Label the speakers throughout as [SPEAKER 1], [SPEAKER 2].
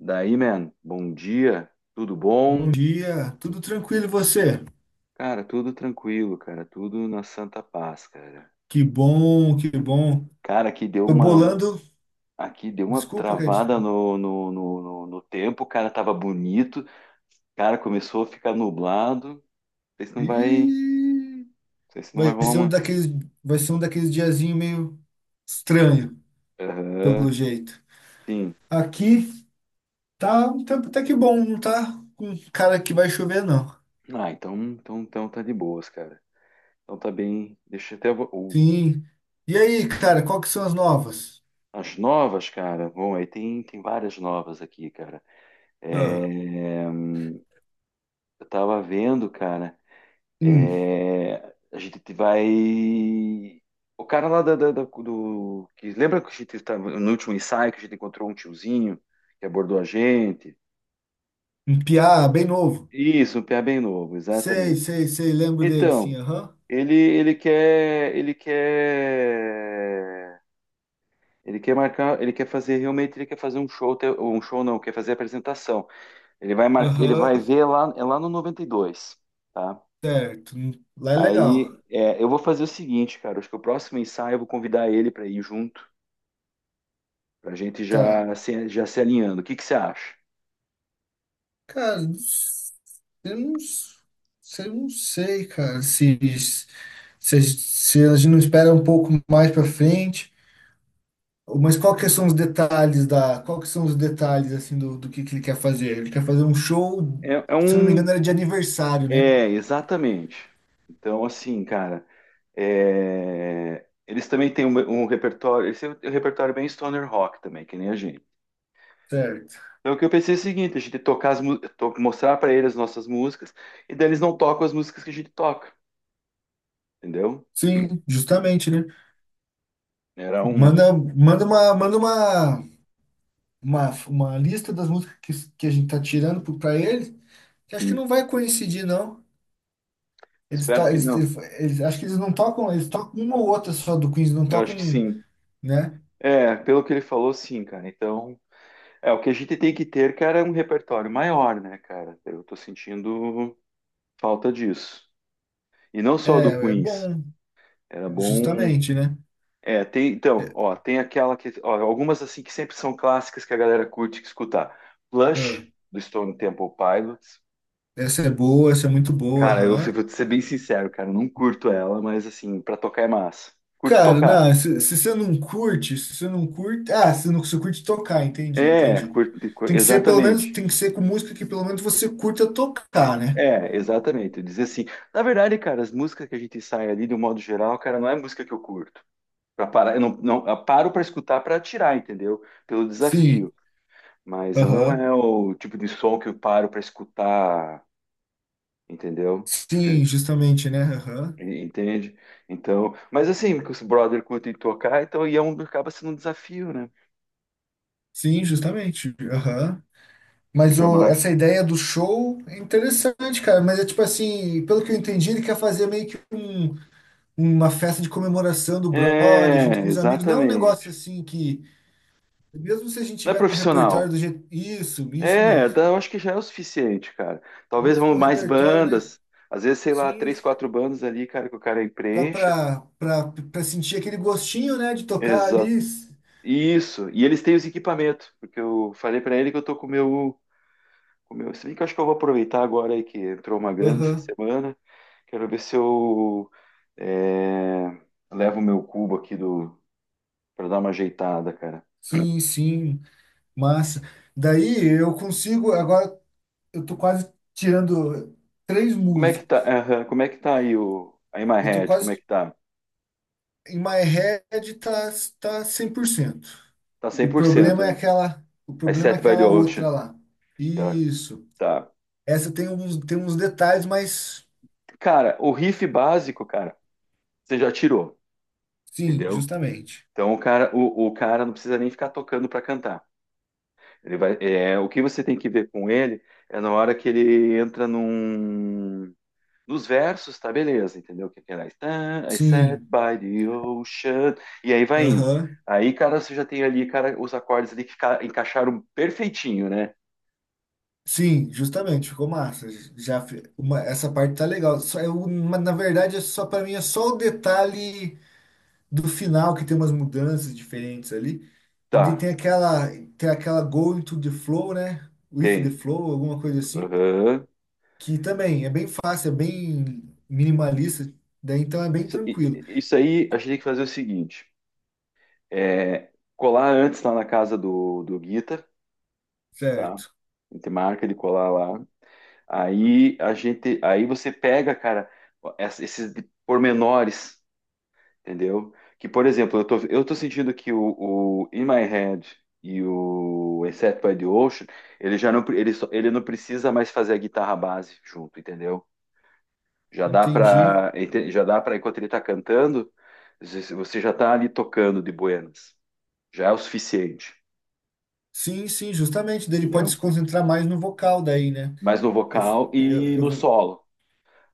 [SPEAKER 1] Daí, man, bom dia, tudo
[SPEAKER 2] Bom
[SPEAKER 1] bom?
[SPEAKER 2] dia, tudo tranquilo e você?
[SPEAKER 1] Cara, tudo tranquilo, cara, tudo na santa paz, cara.
[SPEAKER 2] Que bom, que bom.
[SPEAKER 1] Cara,
[SPEAKER 2] Tô bolando,
[SPEAKER 1] aqui deu uma
[SPEAKER 2] desculpa, cara.
[SPEAKER 1] travada no tempo, o cara tava bonito, cara, começou a ficar nublado, não
[SPEAKER 2] E
[SPEAKER 1] sei se não vai
[SPEAKER 2] vai
[SPEAKER 1] rolar
[SPEAKER 2] ser um
[SPEAKER 1] uma.
[SPEAKER 2] daqueles, vai ser um daqueles diazinho meio estranho,
[SPEAKER 1] Aham,
[SPEAKER 2] pelo jeito.
[SPEAKER 1] sim.
[SPEAKER 2] Aqui tá um tempo até que bom, não tá com cara que vai chover, não.
[SPEAKER 1] Ah, então tá de boas, cara. Então tá bem, deixa eu até.
[SPEAKER 2] Sim. E aí, cara, qual que são as novas?
[SPEAKER 1] As novas, cara, bom, aí tem várias novas aqui, cara.
[SPEAKER 2] Ah,
[SPEAKER 1] É. Eu tava vendo, cara.
[SPEAKER 2] hum,
[SPEAKER 1] É, a gente vai. O cara lá lembra que a gente estava no último ensaio que a gente encontrou um tiozinho que abordou a gente?
[SPEAKER 2] um piá bem novo.
[SPEAKER 1] Isso, um piá bem novo,
[SPEAKER 2] Sei,
[SPEAKER 1] exatamente.
[SPEAKER 2] sei, sei, lembro dele, sim,
[SPEAKER 1] Então,
[SPEAKER 2] aham.
[SPEAKER 1] ele quer. Ele quer marcar. Ele quer fazer realmente. Ele quer fazer um show. Um show não, quer fazer apresentação. Ele
[SPEAKER 2] Aham,
[SPEAKER 1] vai ver lá, é lá no 92, tá?
[SPEAKER 2] certo. Lá é legal.
[SPEAKER 1] Aí é, eu vou fazer o seguinte, cara. Acho que o próximo ensaio eu vou convidar ele para ir junto, para a gente
[SPEAKER 2] Tá.
[SPEAKER 1] já se alinhando. O que que você acha?
[SPEAKER 2] Cara, eu não, s- eu não sei, cara, se a gente não espera um pouco mais pra frente, mas qual que são os detalhes, assim, do que ele quer fazer? Ele quer fazer um show,
[SPEAKER 1] É, é
[SPEAKER 2] se eu não me
[SPEAKER 1] um.
[SPEAKER 2] engano, era de aniversário, né?
[SPEAKER 1] É, exatamente. Então, assim, cara, é, eles também têm um repertório. Esse é um repertório bem stoner rock também, que nem a gente.
[SPEAKER 2] Certo.
[SPEAKER 1] Então, o que eu pensei é o seguinte: a gente tocar mostrar para eles as nossas músicas, e daí eles não tocam as músicas que a gente toca, entendeu?
[SPEAKER 2] Sim, justamente, né?
[SPEAKER 1] Era uma.
[SPEAKER 2] Manda uma lista das músicas que a gente tá tirando pra ele, que acho que
[SPEAKER 1] Sim.
[SPEAKER 2] não vai coincidir, não. Eles, to
[SPEAKER 1] Espero que
[SPEAKER 2] eles,
[SPEAKER 1] não.
[SPEAKER 2] eles, eles- acho que eles não tocam, eles tocam uma ou outra só do Queens, não
[SPEAKER 1] Eu acho
[SPEAKER 2] tocam,
[SPEAKER 1] que
[SPEAKER 2] um,
[SPEAKER 1] sim.
[SPEAKER 2] né?
[SPEAKER 1] É, pelo que ele falou, sim, cara. Então, é o que a gente tem que ter, cara, é um repertório maior, né, cara? Eu tô sentindo falta disso. E não só do
[SPEAKER 2] É, é
[SPEAKER 1] Queens.
[SPEAKER 2] bom,
[SPEAKER 1] Era bom.
[SPEAKER 2] justamente, né?
[SPEAKER 1] É, tem, então, ó, tem aquela que, ó, algumas assim que sempre são clássicas que a galera curte escutar. Plush
[SPEAKER 2] Ah,
[SPEAKER 1] do Stone Temple Pilots.
[SPEAKER 2] essa é boa, essa é muito boa,
[SPEAKER 1] Cara, eu
[SPEAKER 2] aham.
[SPEAKER 1] vou ser bem sincero, cara, eu não curto ela, mas assim, pra tocar é massa. Curto
[SPEAKER 2] Cara,
[SPEAKER 1] tocar.
[SPEAKER 2] não, se você não curte, se você não curte. Ah, se não se curte tocar, entendi, entendi. Tem que ser, pelo menos,
[SPEAKER 1] Exatamente.
[SPEAKER 2] tem que ser com música que pelo menos você curta tocar, né?
[SPEAKER 1] É, exatamente. Dizer assim, na verdade, cara, as músicas que a gente sai ali, do modo geral, cara, não é música que eu curto. Pra parar, eu não, não, eu paro pra escutar pra tirar, entendeu? Pelo
[SPEAKER 2] Sim,
[SPEAKER 1] desafio. Mas eu não
[SPEAKER 2] aham.
[SPEAKER 1] é o tipo de som que eu paro pra escutar, entendeu?
[SPEAKER 2] Sim, justamente, né? Aham.
[SPEAKER 1] Entende? Então, mas assim, que os brother curtem tocar, então e é um, acaba sendo um desafio, né?
[SPEAKER 2] Sim, justamente. Aham. Mas
[SPEAKER 1] Fica massa.
[SPEAKER 2] essa ideia do show é interessante, cara. Mas é tipo assim, pelo que eu entendi, ele quer fazer meio que uma festa de comemoração do brother junto
[SPEAKER 1] É,
[SPEAKER 2] com os amigos. Não é um negócio
[SPEAKER 1] exatamente.
[SPEAKER 2] assim que, mesmo se a gente
[SPEAKER 1] Não é
[SPEAKER 2] tiver com o repertório
[SPEAKER 1] profissional.
[SPEAKER 2] do jeito. Isso mesmo.
[SPEAKER 1] Eu acho que já é o suficiente, cara. Talvez
[SPEAKER 2] Mesmo
[SPEAKER 1] vão
[SPEAKER 2] com o
[SPEAKER 1] mais
[SPEAKER 2] repertório, né?
[SPEAKER 1] bandas, às vezes, sei lá,
[SPEAKER 2] Sim.
[SPEAKER 1] três, quatro bandas ali, cara, que o cara
[SPEAKER 2] Só
[SPEAKER 1] preencha.
[SPEAKER 2] pra sentir aquele gostinho, né, de tocar
[SPEAKER 1] Exato.
[SPEAKER 2] ali.
[SPEAKER 1] Isso. E eles têm os equipamentos, porque eu falei pra ele que eu tô com o meu. Se bem que eu acho que eu vou aproveitar agora aí que entrou uma grana essa
[SPEAKER 2] Aham.
[SPEAKER 1] semana. Quero ver se eu é, levo o meu cubo aqui do para dar uma ajeitada, cara.
[SPEAKER 2] Sim, sim. Massa. Daí eu consigo. Agora eu tô quase tirando três
[SPEAKER 1] Como é que tá?
[SPEAKER 2] músicas.
[SPEAKER 1] Aham, como é que tá aí o a In My
[SPEAKER 2] Eu tô
[SPEAKER 1] Head? Como é
[SPEAKER 2] quase
[SPEAKER 1] que tá?
[SPEAKER 2] Em My Head tá 100%.
[SPEAKER 1] Tá cem
[SPEAKER 2] O
[SPEAKER 1] por
[SPEAKER 2] problema
[SPEAKER 1] cento,
[SPEAKER 2] é
[SPEAKER 1] né?
[SPEAKER 2] aquela, o
[SPEAKER 1] I
[SPEAKER 2] problema é
[SPEAKER 1] Set by the
[SPEAKER 2] aquela outra
[SPEAKER 1] Ocean.
[SPEAKER 2] lá.
[SPEAKER 1] Tá,
[SPEAKER 2] Isso.
[SPEAKER 1] tá.
[SPEAKER 2] Essa tem uns detalhes, mas
[SPEAKER 1] Cara, o riff básico, cara, você já tirou,
[SPEAKER 2] sim,
[SPEAKER 1] entendeu?
[SPEAKER 2] justamente.
[SPEAKER 1] Então o cara, o cara não precisa nem ficar tocando para cantar. Ele vai, é, o que você tem que ver com ele é na hora que ele entra nos versos, tá beleza, entendeu? Que tem lá, "Stand- I sat
[SPEAKER 2] Sim.
[SPEAKER 1] by the ocean, e aí vai indo.
[SPEAKER 2] Aham.
[SPEAKER 1] Aí, cara, você já tem ali, cara, os acordes ali que encaixaram perfeitinho, né?
[SPEAKER 2] Sim, justamente, ficou massa. Essa parte tá legal. Mas, na verdade, é só para mim é só o detalhe do final que tem umas mudanças diferentes ali. E
[SPEAKER 1] Tá,
[SPEAKER 2] de- tem aquela tem aquela Go into the Flow, né? With the
[SPEAKER 1] tem.
[SPEAKER 2] Flow, alguma coisa assim,
[SPEAKER 1] Aham.
[SPEAKER 2] que também é bem fácil, é bem minimalista, daí então é bem
[SPEAKER 1] Isso
[SPEAKER 2] tranquilo.
[SPEAKER 1] e- isso aí, a gente tem que fazer o seguinte. É, colar antes lá na casa do Guita, tá?
[SPEAKER 2] Certo,
[SPEAKER 1] A gente marca de colar lá. Aí a gente, aí você pega, cara, esses pormenores, entendeu? Que, por exemplo, eu tô sentindo que o In My Head e o Except by the Ocean, ele não precisa mais fazer a guitarra base junto, entendeu? Já dá
[SPEAKER 2] entendi.
[SPEAKER 1] pra, já dá pra, enquanto ele tá cantando, você já tá ali tocando de buenas. Já é o suficiente,
[SPEAKER 2] Sim, sim, justamente, daí ele pode se
[SPEAKER 1] entendeu?
[SPEAKER 2] concentrar mais no vocal daí, né?
[SPEAKER 1] Mais no
[SPEAKER 2] Eu,
[SPEAKER 1] vocal
[SPEAKER 2] eu,
[SPEAKER 1] e no
[SPEAKER 2] eu-
[SPEAKER 1] solo.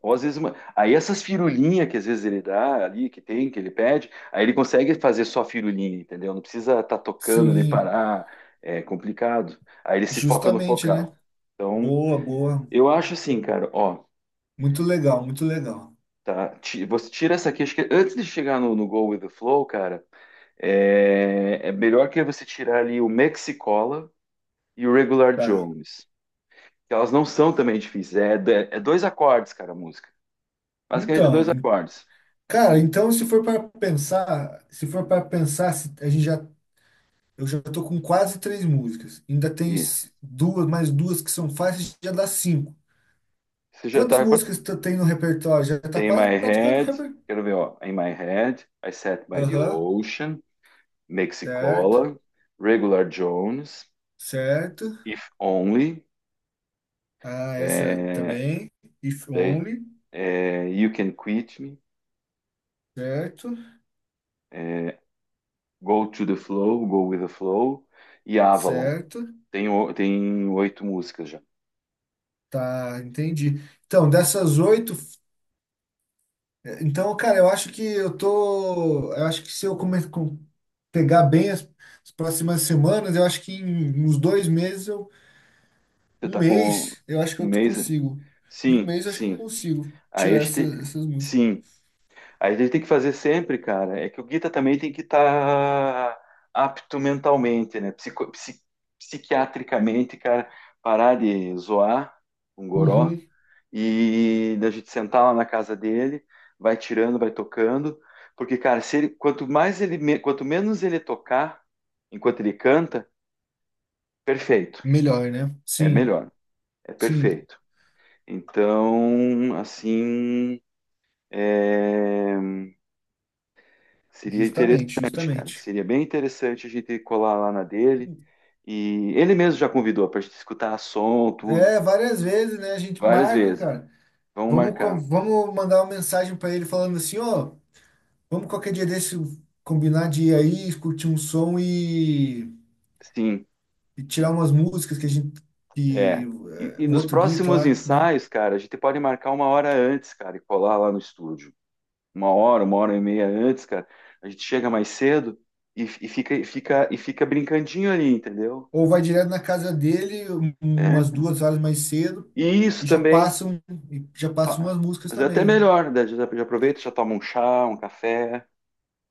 [SPEAKER 1] Ou às vezes, uma- aí essas firulinhas que às vezes ele dá ali, que tem, que ele pede, aí ele consegue fazer só firulinha, entendeu? Não precisa estar tá tocando, de
[SPEAKER 2] sim,
[SPEAKER 1] parar, é complicado. Aí ele se foca no
[SPEAKER 2] justamente, né?
[SPEAKER 1] focal. Então,
[SPEAKER 2] Boa, boa.
[SPEAKER 1] eu acho assim, cara, ó,
[SPEAKER 2] Muito legal, muito legal.
[SPEAKER 1] tá, você tira essa aqui, acho que antes de chegar no Go With The Flow, cara, é, é melhor que você tirar ali o Mexicola e o Regular
[SPEAKER 2] Tá.
[SPEAKER 1] Jones, que elas não são também difíceis, é, é dois acordes, cara, a música. Basicamente, é
[SPEAKER 2] Então,
[SPEAKER 1] dois acordes.
[SPEAKER 2] cara, então se for para pensar, se- a gente já eu já tô com quase três músicas. Ainda tem
[SPEAKER 1] E
[SPEAKER 2] mais duas que são fáceis, já dá cinco.
[SPEAKER 1] você já
[SPEAKER 2] Quantas
[SPEAKER 1] tá.
[SPEAKER 2] músicas tu tem no repertório? Já tá
[SPEAKER 1] Tem
[SPEAKER 2] quase
[SPEAKER 1] my
[SPEAKER 2] praticando o
[SPEAKER 1] head.
[SPEAKER 2] repertório.
[SPEAKER 1] Quero ver, ó. In my head, I sat by the
[SPEAKER 2] Aham,
[SPEAKER 1] ocean,
[SPEAKER 2] certo,
[SPEAKER 1] Mexicola, Regular Jones,
[SPEAKER 2] certo.
[SPEAKER 1] If Only,
[SPEAKER 2] Ah, essa
[SPEAKER 1] é,
[SPEAKER 2] também. If
[SPEAKER 1] they,
[SPEAKER 2] Only,
[SPEAKER 1] é, You Can Quit Me,
[SPEAKER 2] certo,
[SPEAKER 1] é, Go to the Flow, Go with the Flow e Avalon.
[SPEAKER 2] certo.
[SPEAKER 1] Tem, tem oito músicas já.
[SPEAKER 2] Tá, entendi. Então, dessas oito, então, cara, eu acho que se pegar bem as próximas semanas, eu acho que em uns 2 meses,
[SPEAKER 1] Você
[SPEAKER 2] um
[SPEAKER 1] tá com
[SPEAKER 2] mês, eu acho que
[SPEAKER 1] um
[SPEAKER 2] eu
[SPEAKER 1] mês?
[SPEAKER 2] consigo. Em um
[SPEAKER 1] Sim,
[SPEAKER 2] mês, eu acho que eu
[SPEAKER 1] sim.
[SPEAKER 2] consigo
[SPEAKER 1] A
[SPEAKER 2] tirar
[SPEAKER 1] este,
[SPEAKER 2] essas músicas.
[SPEAKER 1] sim. A gente tem que fazer sempre, cara, é que o guita também tem que estar apto mentalmente, né? Psiquiatricamente, cara, parar de zoar um goró
[SPEAKER 2] Uhum.
[SPEAKER 1] e da gente sentar lá na casa dele, vai tirando, vai tocando, porque, cara, se ele, quanto mais ele, quanto menos ele tocar enquanto ele canta, perfeito,
[SPEAKER 2] Melhor, né?
[SPEAKER 1] é
[SPEAKER 2] Sim.
[SPEAKER 1] melhor, é
[SPEAKER 2] Sim,
[SPEAKER 1] perfeito. Então, assim, é. Seria
[SPEAKER 2] justamente,
[SPEAKER 1] interessante, cara.
[SPEAKER 2] justamente.
[SPEAKER 1] Seria bem interessante a gente colar lá na dele. E ele mesmo já convidou pra gente escutar som, tudo,
[SPEAKER 2] É, várias vezes, né? A gente
[SPEAKER 1] várias
[SPEAKER 2] marca,
[SPEAKER 1] vezes.
[SPEAKER 2] cara.
[SPEAKER 1] Vamos
[SPEAKER 2] Vamos, co-
[SPEAKER 1] marcar.
[SPEAKER 2] vamos mandar uma mensagem pra ele falando assim, ó, vamos qualquer dia desse combinar de ir aí, curtir um som e,
[SPEAKER 1] Sim,
[SPEAKER 2] e tirar umas músicas que a gente que
[SPEAKER 1] é. E
[SPEAKER 2] o
[SPEAKER 1] nos
[SPEAKER 2] outro guita
[SPEAKER 1] próximos
[SPEAKER 2] lá, né?
[SPEAKER 1] ensaios, cara, a gente pode marcar uma hora antes, cara, e colar lá no estúdio. Uma hora e meia antes, cara. A gente chega mais cedo e fica brincandinho ali, entendeu?
[SPEAKER 2] Ou vai direto na casa dele
[SPEAKER 1] É.
[SPEAKER 2] umas 2 horas mais cedo
[SPEAKER 1] E isso
[SPEAKER 2] e já
[SPEAKER 1] também.
[SPEAKER 2] passam e já passam umas músicas
[SPEAKER 1] Mas é até
[SPEAKER 2] também, né?
[SPEAKER 1] melhor, né? Já já aproveita, já toma um chá, um café.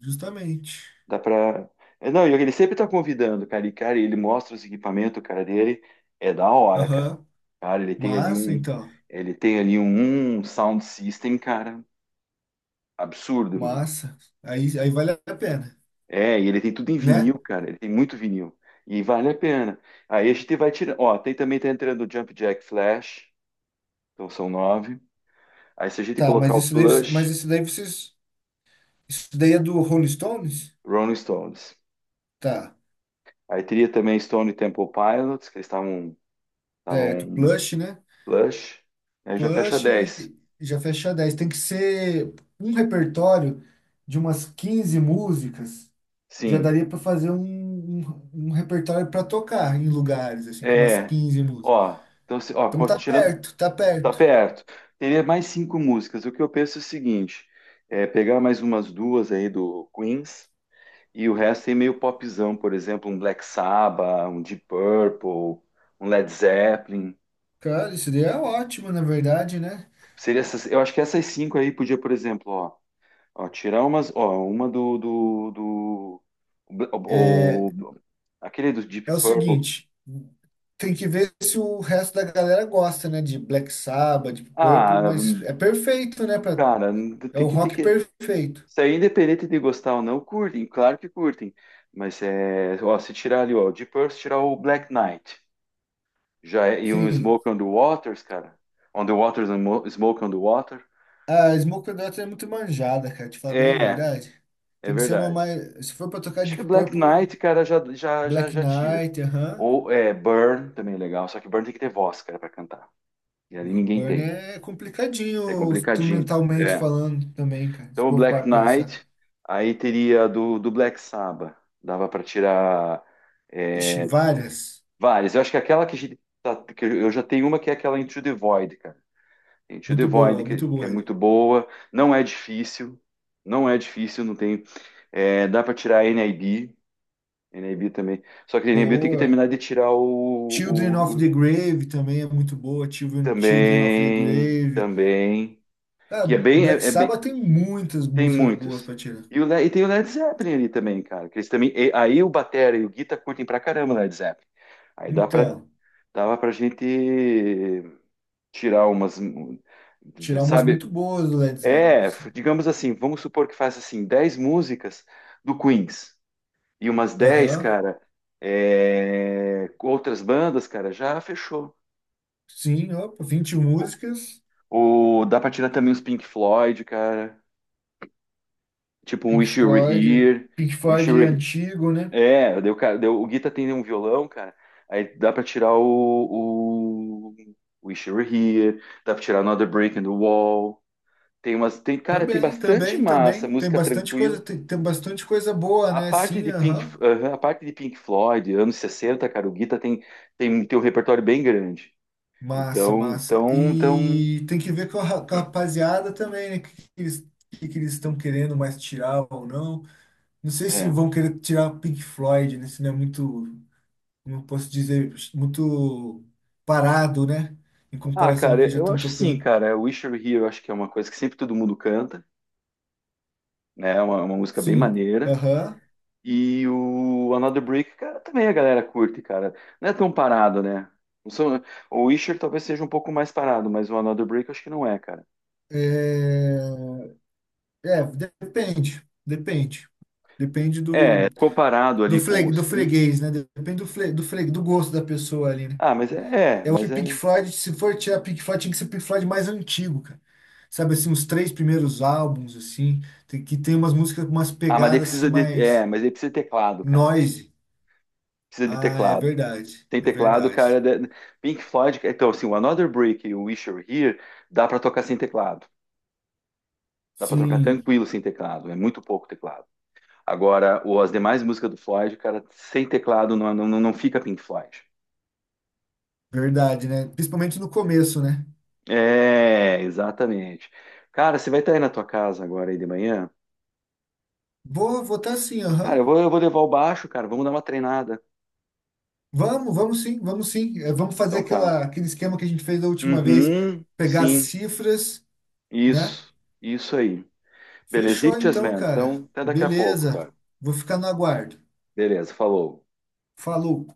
[SPEAKER 2] Justamente.
[SPEAKER 1] Dá pra. É, não, e ele sempre tá convidando, cara. E, cara, ele mostra os equipamentos, cara, dele. É da hora, cara.
[SPEAKER 2] Aham.
[SPEAKER 1] Cara, ele tem ali
[SPEAKER 2] Massa,
[SPEAKER 1] um.
[SPEAKER 2] então.
[SPEAKER 1] Ele tem ali um sound system, cara. Absurdo, meu.
[SPEAKER 2] Massa. Aí vale a pena,
[SPEAKER 1] É, e ele tem tudo em
[SPEAKER 2] né?
[SPEAKER 1] vinil, cara. Ele tem muito vinil. E vale a pena. Aí a gente vai tirar. Ó, tem também tá entrando o Jump Jack Flash. Então são nove. Aí se a gente
[SPEAKER 2] Tá,
[SPEAKER 1] colocar
[SPEAKER 2] mas
[SPEAKER 1] o
[SPEAKER 2] isso daí, você- mas
[SPEAKER 1] Plush,
[SPEAKER 2] isso daí vocês, isso daí é do Rolling Stones?
[SPEAKER 1] Rolling Stones.
[SPEAKER 2] Tá,
[SPEAKER 1] Aí teria também Stone Temple Pilots, que eles estavam.
[SPEAKER 2] certo,
[SPEAKER 1] Estavam
[SPEAKER 2] Plush, né?
[SPEAKER 1] Plush. Aí já fecha
[SPEAKER 2] Plush
[SPEAKER 1] 10.
[SPEAKER 2] já fecha 10. Tem que ser um repertório de umas 15 músicas. Já
[SPEAKER 1] Sim,
[SPEAKER 2] daria para fazer um repertório para tocar em lugares, assim, com umas
[SPEAKER 1] é.
[SPEAKER 2] 15 músicas.
[SPEAKER 1] Ó, então,
[SPEAKER 2] Então tá
[SPEAKER 1] tirando,
[SPEAKER 2] perto, tá
[SPEAKER 1] tá
[SPEAKER 2] perto.
[SPEAKER 1] perto. Teria mais cinco músicas. O que eu penso é o seguinte: é pegar mais umas duas aí do Queens e o resto é meio popzão, por exemplo, um Black Sabbath, um Deep Purple, um Led Zeppelin.
[SPEAKER 2] Cara, isso daí é ótimo, na verdade, né?
[SPEAKER 1] Seria essas, eu acho que essas cinco aí podia, por exemplo, ó, ó, tirar umas, ó, uma do o, o- aquele do Deep
[SPEAKER 2] É o
[SPEAKER 1] Purple.
[SPEAKER 2] seguinte. Tem que ver se o resto da galera gosta, né? De Black Sabbath, de Purple,
[SPEAKER 1] Ah,
[SPEAKER 2] mas é perfeito, né? pra-
[SPEAKER 1] cara,
[SPEAKER 2] é o
[SPEAKER 1] tem que ter
[SPEAKER 2] rock
[SPEAKER 1] que
[SPEAKER 2] perfeito.
[SPEAKER 1] isso aí, independente de gostar ou não, curtem, claro que curtem. Mas é, ó, se tirar ali, ó, o Deep Purple, se tirar o Black Knight, já é- e um
[SPEAKER 2] Sim.
[SPEAKER 1] Smoke on the Waters, cara. On the Waters, and Mo- Smoke on the Water.
[SPEAKER 2] A Smoke on the Water é muito manjada, cara. Te falar bem a
[SPEAKER 1] É,
[SPEAKER 2] verdade.
[SPEAKER 1] é
[SPEAKER 2] Tem que ser uma
[SPEAKER 1] verdade.
[SPEAKER 2] mais. Se for pra tocar
[SPEAKER 1] Acho que
[SPEAKER 2] Deep
[SPEAKER 1] Black
[SPEAKER 2] Purple,
[SPEAKER 1] Knight, cara,
[SPEAKER 2] Black
[SPEAKER 1] já tira.
[SPEAKER 2] Knight, aham.
[SPEAKER 1] Ou é, Burn também é legal, só que Burn tem que ter voz, cara, pra cantar. E
[SPEAKER 2] E
[SPEAKER 1] ali ninguém
[SPEAKER 2] Burn
[SPEAKER 1] tem.
[SPEAKER 2] é
[SPEAKER 1] É
[SPEAKER 2] complicadinho,
[SPEAKER 1] complicadinho.
[SPEAKER 2] instrumentalmente
[SPEAKER 1] É.
[SPEAKER 2] falando também, cara. Se
[SPEAKER 1] Então o
[SPEAKER 2] for pra
[SPEAKER 1] Black
[SPEAKER 2] pensar.
[SPEAKER 1] Knight, aí teria do Black Sabbath. Dava pra tirar.
[SPEAKER 2] Ixi,
[SPEAKER 1] É,
[SPEAKER 2] várias.
[SPEAKER 1] várias. Eu acho que aquela que, que eu já tenho uma que é aquela Into the Void, cara. Into the
[SPEAKER 2] Muito
[SPEAKER 1] Void,
[SPEAKER 2] boa, muito
[SPEAKER 1] que é
[SPEAKER 2] boa.
[SPEAKER 1] muito boa, não é difícil, não é difícil, não tem. É, dá para tirar NIB, NIB também. Só que NIB tem que
[SPEAKER 2] Boa.
[SPEAKER 1] terminar de tirar o,
[SPEAKER 2] Children
[SPEAKER 1] o-
[SPEAKER 2] of the
[SPEAKER 1] o-
[SPEAKER 2] Grave também é muito boa. Children, Children of the
[SPEAKER 1] Também,
[SPEAKER 2] Grave.
[SPEAKER 1] também.
[SPEAKER 2] Cara,
[SPEAKER 1] Que é
[SPEAKER 2] o
[SPEAKER 1] bem,
[SPEAKER 2] Black
[SPEAKER 1] é, é bem,
[SPEAKER 2] Sabbath tem muitas
[SPEAKER 1] tem
[SPEAKER 2] músicas boas
[SPEAKER 1] muitos.
[SPEAKER 2] para tirar.
[SPEAKER 1] E tem o Led Zeppelin ali também, cara. Que eles também, aí o batera e o guitar curtem pra caramba o Led Zeppelin. Aí dá pra,
[SPEAKER 2] Então,
[SPEAKER 1] dava pra gente tirar umas,
[SPEAKER 2] tirar umas
[SPEAKER 1] sabe?
[SPEAKER 2] muito boas do Led Zeppelin.
[SPEAKER 1] É,
[SPEAKER 2] Sim.
[SPEAKER 1] digamos assim, vamos supor que faça assim 10 músicas do Queens e umas 10
[SPEAKER 2] Aham.
[SPEAKER 1] cara, é, com outras bandas, cara, já fechou.
[SPEAKER 2] Sim, opa, 20 músicas.
[SPEAKER 1] Ou dá pra tirar também os Pink Floyd, cara, tipo um
[SPEAKER 2] Pink
[SPEAKER 1] Wish You Were
[SPEAKER 2] Floyd.
[SPEAKER 1] Here,
[SPEAKER 2] Pink
[SPEAKER 1] Wish You
[SPEAKER 2] Floyd
[SPEAKER 1] Were
[SPEAKER 2] é
[SPEAKER 1] He-
[SPEAKER 2] antigo, né?
[SPEAKER 1] É, deu, cara, daí o Guita tem um violão, cara, aí dá pra tirar o Wish You Were Here, dá pra tirar Another Break in the Wall, tem umas, tem, cara, tem
[SPEAKER 2] Também,
[SPEAKER 1] bastante
[SPEAKER 2] também,
[SPEAKER 1] massa,
[SPEAKER 2] também. Tem
[SPEAKER 1] música
[SPEAKER 2] bastante coisa,
[SPEAKER 1] tranquila.
[SPEAKER 2] tem bastante coisa boa,
[SPEAKER 1] A
[SPEAKER 2] né?
[SPEAKER 1] parte
[SPEAKER 2] Sim,
[SPEAKER 1] de Pink,
[SPEAKER 2] aham.
[SPEAKER 1] aham, a parte de Pink Floyd, anos 60, cara, o Guita tem, tem um repertório bem grande.
[SPEAKER 2] Massa, massa.
[SPEAKER 1] Então,
[SPEAKER 2] E tem que ver com a rapaziada também, né? O que, que eles estão querendo mais tirar ou não. Não sei se
[SPEAKER 1] é.
[SPEAKER 2] vão querer tirar o Pink Floyd, né? Se não é muito, como eu posso dizer, muito parado, né? Em
[SPEAKER 1] Ah,
[SPEAKER 2] comparação ao
[SPEAKER 1] cara,
[SPEAKER 2] que já
[SPEAKER 1] eu
[SPEAKER 2] estão
[SPEAKER 1] acho assim,
[SPEAKER 2] tocando.
[SPEAKER 1] cara, Wish You Were Here, eu acho que é uma coisa que sempre todo mundo canta, né? É uma música bem
[SPEAKER 2] Sim,
[SPEAKER 1] maneira.
[SPEAKER 2] aham.
[SPEAKER 1] E o Another Brick, cara, também a galera curte, cara. Não é tão parado, né? Não são. O Wisher talvez seja um pouco mais parado, mas o Another Brick eu acho que não é, cara.
[SPEAKER 2] É, é, depende, depende. Depende do,
[SPEAKER 1] É comparado
[SPEAKER 2] do,
[SPEAKER 1] ali com
[SPEAKER 2] fle,
[SPEAKER 1] o
[SPEAKER 2] do
[SPEAKER 1] Scream,
[SPEAKER 2] freguês, né? Depende do gosto da pessoa ali, né?
[SPEAKER 1] ah,
[SPEAKER 2] Eu acho
[SPEAKER 1] mas
[SPEAKER 2] que Pink
[SPEAKER 1] é.
[SPEAKER 2] Floyd, se for tirar Pink Floyd, tinha que ser Pink Floyd mais antigo, cara. Sabe assim, os três primeiros álbuns, assim, que tem umas músicas com umas
[SPEAKER 1] Ah, mas daí
[SPEAKER 2] pegadas assim
[SPEAKER 1] precisa de. É,
[SPEAKER 2] mais
[SPEAKER 1] mas daí precisa de teclado, cara.
[SPEAKER 2] noise.
[SPEAKER 1] Precisa de
[SPEAKER 2] Ah, é
[SPEAKER 1] teclado.
[SPEAKER 2] verdade,
[SPEAKER 1] Tem
[SPEAKER 2] é
[SPEAKER 1] teclado, cara.
[SPEAKER 2] verdade.
[SPEAKER 1] Da Pink Floyd. Então, assim, o Another Brick e o Wish You Were Here dá pra tocar sem teclado. Dá pra tocar
[SPEAKER 2] Sim,
[SPEAKER 1] tranquilo sem teclado. É muito pouco teclado. Agora, o, as demais músicas do Floyd, cara, sem teclado não fica Pink Floyd.
[SPEAKER 2] verdade, né? Principalmente no começo, né?
[SPEAKER 1] É, exatamente. Cara, você vai estar aí na tua casa agora aí de manhã?
[SPEAKER 2] Vou votar sim,
[SPEAKER 1] Cara,
[SPEAKER 2] aham.
[SPEAKER 1] eu vou levar o baixo, cara. Vamos dar uma treinada.
[SPEAKER 2] Vamos, vamos sim, vamos sim. É, vamos fazer
[SPEAKER 1] Então tá.
[SPEAKER 2] aquele esquema que a gente fez da última vez,
[SPEAKER 1] Uhum,
[SPEAKER 2] pegar as
[SPEAKER 1] sim.
[SPEAKER 2] cifras, né?
[SPEAKER 1] Isso, isso aí.
[SPEAKER 2] Fechou
[SPEAKER 1] Belezitas,
[SPEAKER 2] então,
[SPEAKER 1] man.
[SPEAKER 2] cara.
[SPEAKER 1] Então, até daqui a pouco,
[SPEAKER 2] Beleza.
[SPEAKER 1] cara.
[SPEAKER 2] Vou ficar no aguardo.
[SPEAKER 1] Beleza, falou.
[SPEAKER 2] Falou.